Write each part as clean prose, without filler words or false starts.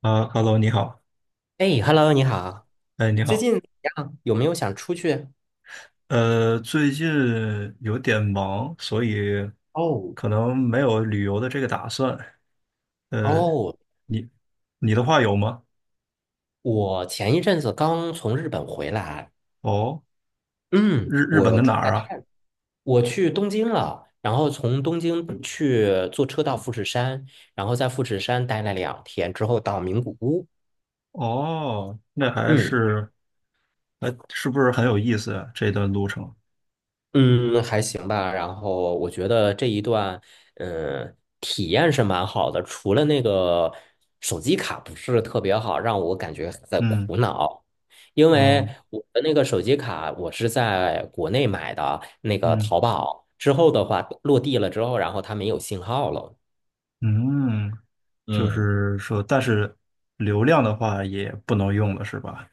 啊，Hello，你好。哎，Hello,你好，哎，你最好。近怎么样？有没有想出去？最近有点忙，所以哦可能没有旅游的这个打算。呃，哦，你你的话有吗？我前一阵子刚从日本回来，哦，嗯，日本我的哪出来儿啊？看，我去东京了，然后从东京去坐车到富士山，然后在富士山待了2天之后到名古屋，哦，那还嗯。是还是不是很有意思啊？这段路程，嗯，还行吧。然后我觉得这一段，嗯，体验是蛮好的，除了那个手机卡不是特别好，让我感觉在嗯。苦恼。因为哦，我的那个手机卡，我是在国内买的，那个嗯淘宝之后的话，落地了之后，然后它没有信号了。嗯，就嗯。是说，但是流量的话也不能用了，是吧？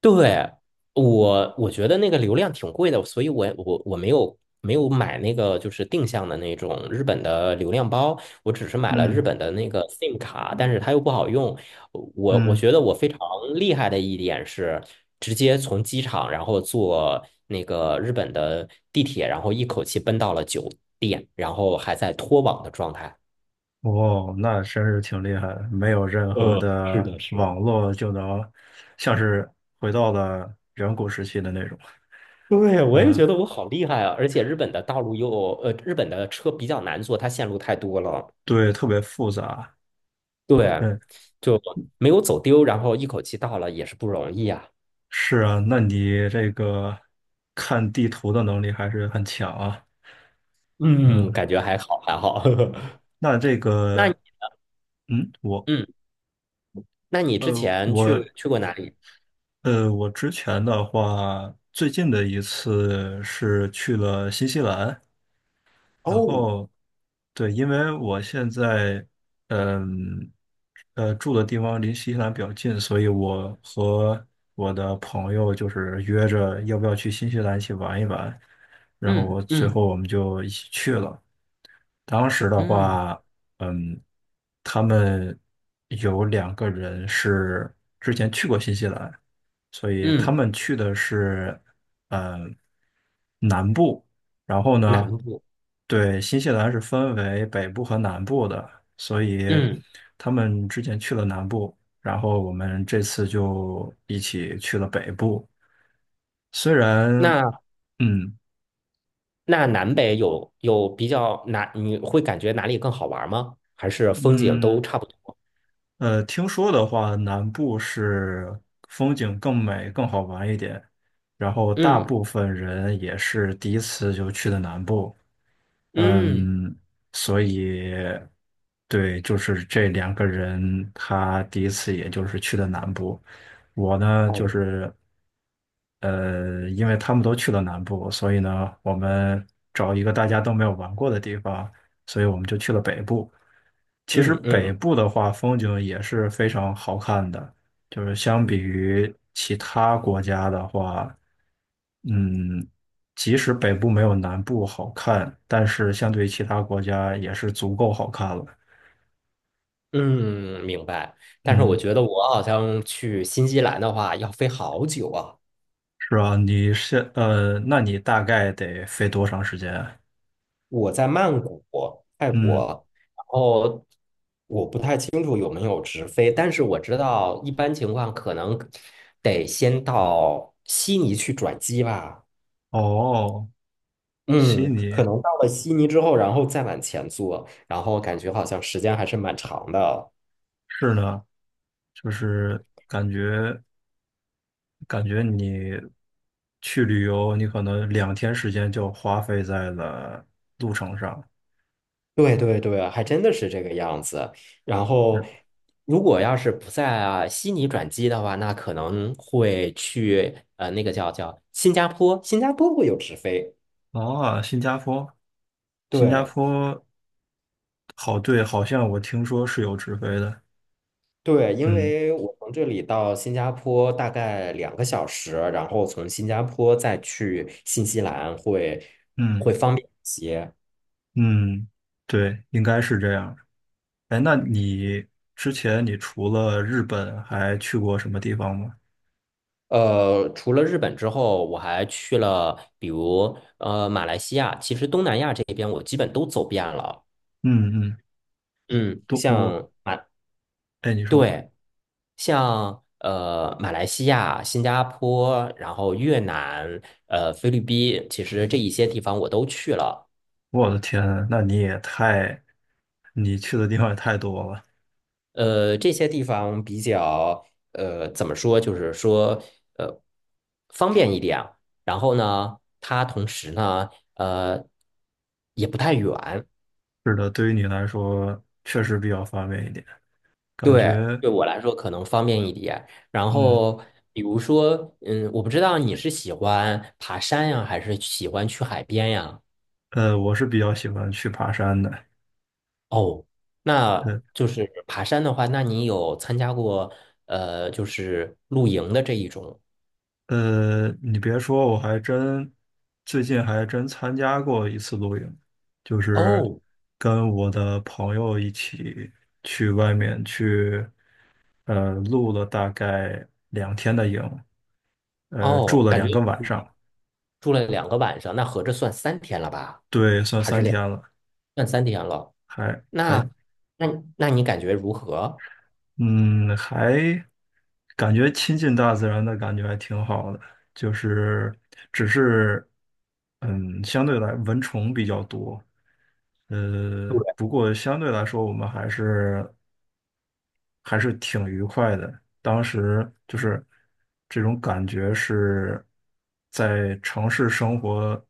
对，我觉得那个流量挺贵的，所以我没有买那个就是定向的那种日本的流量包，我只是买了日嗯本的那个 SIM 卡，但是它又不好用。我嗯。觉得我非常厉害的一点是，直接从机场，然后坐那个日本的地铁，然后一口气奔到了酒店，然后还在脱网的状态。哦，那真是挺厉害的，没有任何是的的，是网的。络就能，像是回到了远古时期的那种。对，我也嗯，觉得我好厉害啊！而且日本的道路又，日本的车比较难坐，它线路太多了。对，特别复杂。对，嗯，就没有走丢，然后一口气到了也是不容易啊。是啊，那你这个看地图的能力还是很强啊。嗯，嗯，感觉还好，还好。那这那你个，嗯，我，嗯，那你之呃，前去我，去过哪里？我之前的话，最近的一次是去了新西兰。然后，对，因为我现在，嗯，住的地方离新西兰比较近，所以我和我的朋友就是约着要不要去新西兰一起玩一玩，然后我嗯最嗯后我们就一起去了。当时的嗯话，嗯，他们有两个人是之前去过新西兰，所以他嗯，们去的是，嗯，南部。然后呢，南部。对，新西兰是分为北部和南部的，所以嗯，他们之前去了南部，然后我们这次就一起去了北部。虽然，那嗯那南北有比较哪？你会感觉哪里更好玩吗？还是风景都嗯。差不多？听说的话，南部是风景更美、更好玩一点，然后大嗯部分人也是第一次就去的南部。嗯，嗯，所以对，就是这两个人，他第一次也就是去的南部，我呢就哦，是呃，因为他们都去了南部，所以呢，我们找一个大家都没有玩过的地方，所以我们就去了北部。其实嗯北嗯。部的话，风景也是非常好看的，就是相比于其他国家的话，嗯，即使北部没有南部好看，但是相对于其他国家也是足够好看了。嗯，明白。但是我嗯，觉得我好像去新西兰的话要飞好久啊。是啊，那你大概得飞多长时间啊。我在曼谷、泰嗯，国，然后我不太清楚有没有直飞，但是我知道一般情况可能得先到悉尼去转机吧。哦，悉嗯，可尼能到了悉尼之后，然后再往前坐，然后感觉好像时间还是蛮长的。是呢，就是感觉。感觉你去旅游，你可能两天时间就花费在了路程上。对对对，还真的是这个样子。然后，嗯，如果要是不在啊悉尼转机的话，那可能会去那个叫新加坡，新加坡会有直飞。啊，新加坡，新加对坡，好，对，好像我听说是有直飞的。对，因嗯为我从这里到新加坡大概2个小时，然后从新加坡再去新西兰会嗯会方便一些。嗯，对，应该是这样。哎，那你之前你除了日本还去过什么地方吗？除了日本之后，我还去了比如马来西亚，其实东南亚这边我基本都走遍了。嗯嗯，嗯，都我，像马，哎，你说，对，像马来西亚、新加坡，然后越南、菲律宾，其实这一些地方我都去了。我的天啊，那你也太，你去的地方也太多了。这些地方比较怎么说，就是说呃方便一点。然后呢，它同时呢，呃也不太远。是的，对于你来说确实比较方便一点，感对，觉，对我来说可能方便一点。然嗯，后，比如说，嗯，我不知道你是喜欢爬山呀，还是喜欢去海边呀？我是比较喜欢去爬山的。哦，那就是爬山的话，那你有参加过就是露营的这一种？你别说，我还真最近还真参加过一次露营，就是哦跟我的朋友一起去外面去，露了大概两天的营，住哦，了感觉两个晚上。住了2个晚上，那合着算三天了吧？对，算还是三两，天了，算三天了。还还。那那那你感觉如何？嗯，还感觉亲近大自然的感觉还挺好的，就是只是，嗯，相对来蚊虫比较多。对，不过相对来说我们还是还是挺愉快的。当时就是这种感觉是在城市生活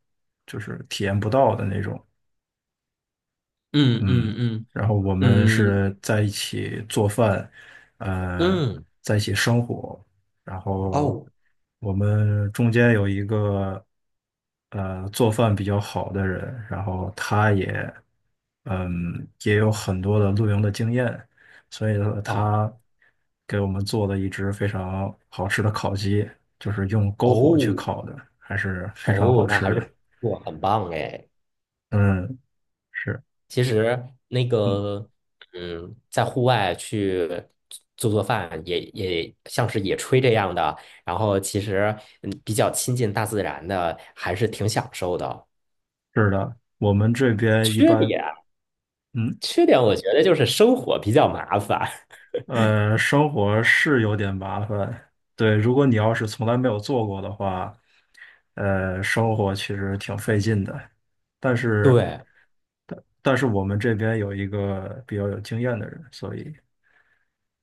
就是体验不到的那种。嗯嗯嗯，嗯然后我们嗯是在一起做饭，呃，嗯，在一起生活，然后哦我们中间有一个做饭比较好的人，然后他也也有很多的露营的经验，所以说哦。他给我们做了一只非常好吃的烤鸡，就是用篝火去哦烤的，还是非常好哦，那吃还是的。不错，很棒哎。嗯，是。其实那嗯。个，嗯，在户外去做饭也，也像是野炊这样的，然后其实嗯，比较亲近大自然的，还是挺享受的。是的，我们这边一般嗯，缺点我觉得就是生火比较麻烦。生活是有点麻烦。对，如果你要是从来没有做过的话，生活其实挺费劲的。但 是，对，但是我们这边有一个比较有经验的人，所以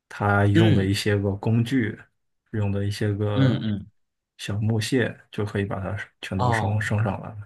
他用的一嗯，些个工具，用的一些嗯个嗯，小木屑，就可以把它全都升哦。升上来了。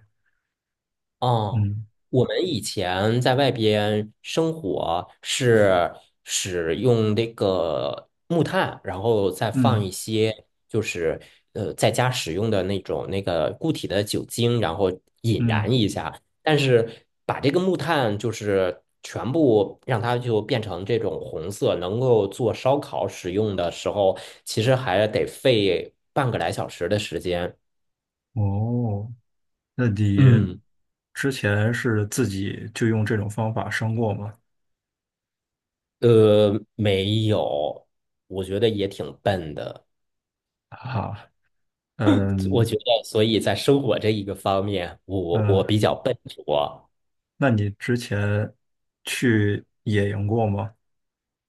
哦，嗯我们以前在外边生火是使用那个木炭，然后再放嗯一些就是在家使用的那种那个固体的酒精，然后引嗯。燃一下。但是把这个木炭就是全部让它就变成这种红色，能够做烧烤使用的时候，其实还得费半个来小时的时间。哦，那你嗯。之前是自己就用这种方法升过吗？没有，我觉得也挺笨的。好，我嗯觉得，所以在生活这一个方面，我嗯，我比较笨拙，那你之前去野营过吗？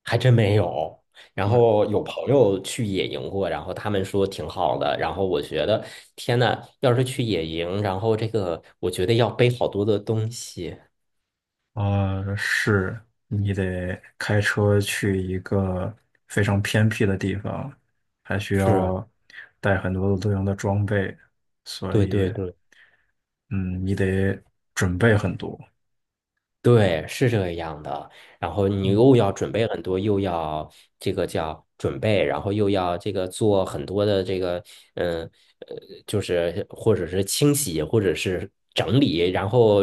还真没有。然没，后有朋友去野营过，然后他们说挺好的。然后我觉得，天呐，要是去野营，然后这个，我觉得要背好多的东西。是，你得开车去一个非常偏僻的地方，还需是，要带很多的露营的装备，所对以，对对。嗯，你得准备很多。对，是这样的。然后你嗯，又要准备很多，又要这个叫准备，然后又要这个做很多的这个，嗯呃，就是或者是清洗，或者是整理，然后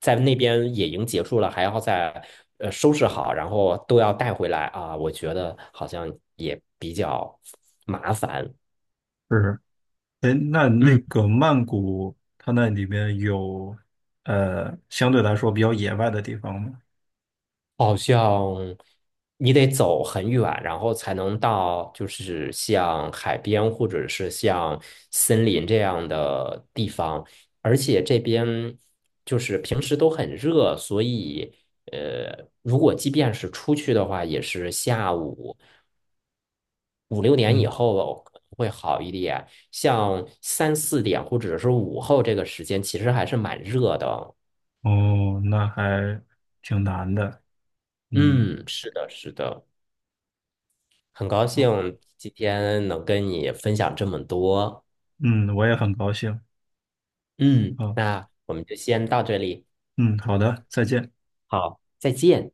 在那边野营结束了，还要再收拾好，然后都要带回来啊。我觉得好像也比较麻烦。是。哎，那那嗯。个曼谷，它那里面有相对来说比较野外的地方吗？好像你得走很远，然后才能到，就是像海边或者是像森林这样的地方。而且这边就是平时都很热，所以如果即便是出去的话，也是下午5、6点以嗯。后可能会好一点。像3、4点或者是午后这个时间，其实还是蛮热的。哦，那还挺难的。嗯，嗯，是的，是的。很高好，兴今天能跟你分享这么多。嗯，我也很高兴。嗯，好，那我们就先到这里，嗯，好的，再见。好，再见。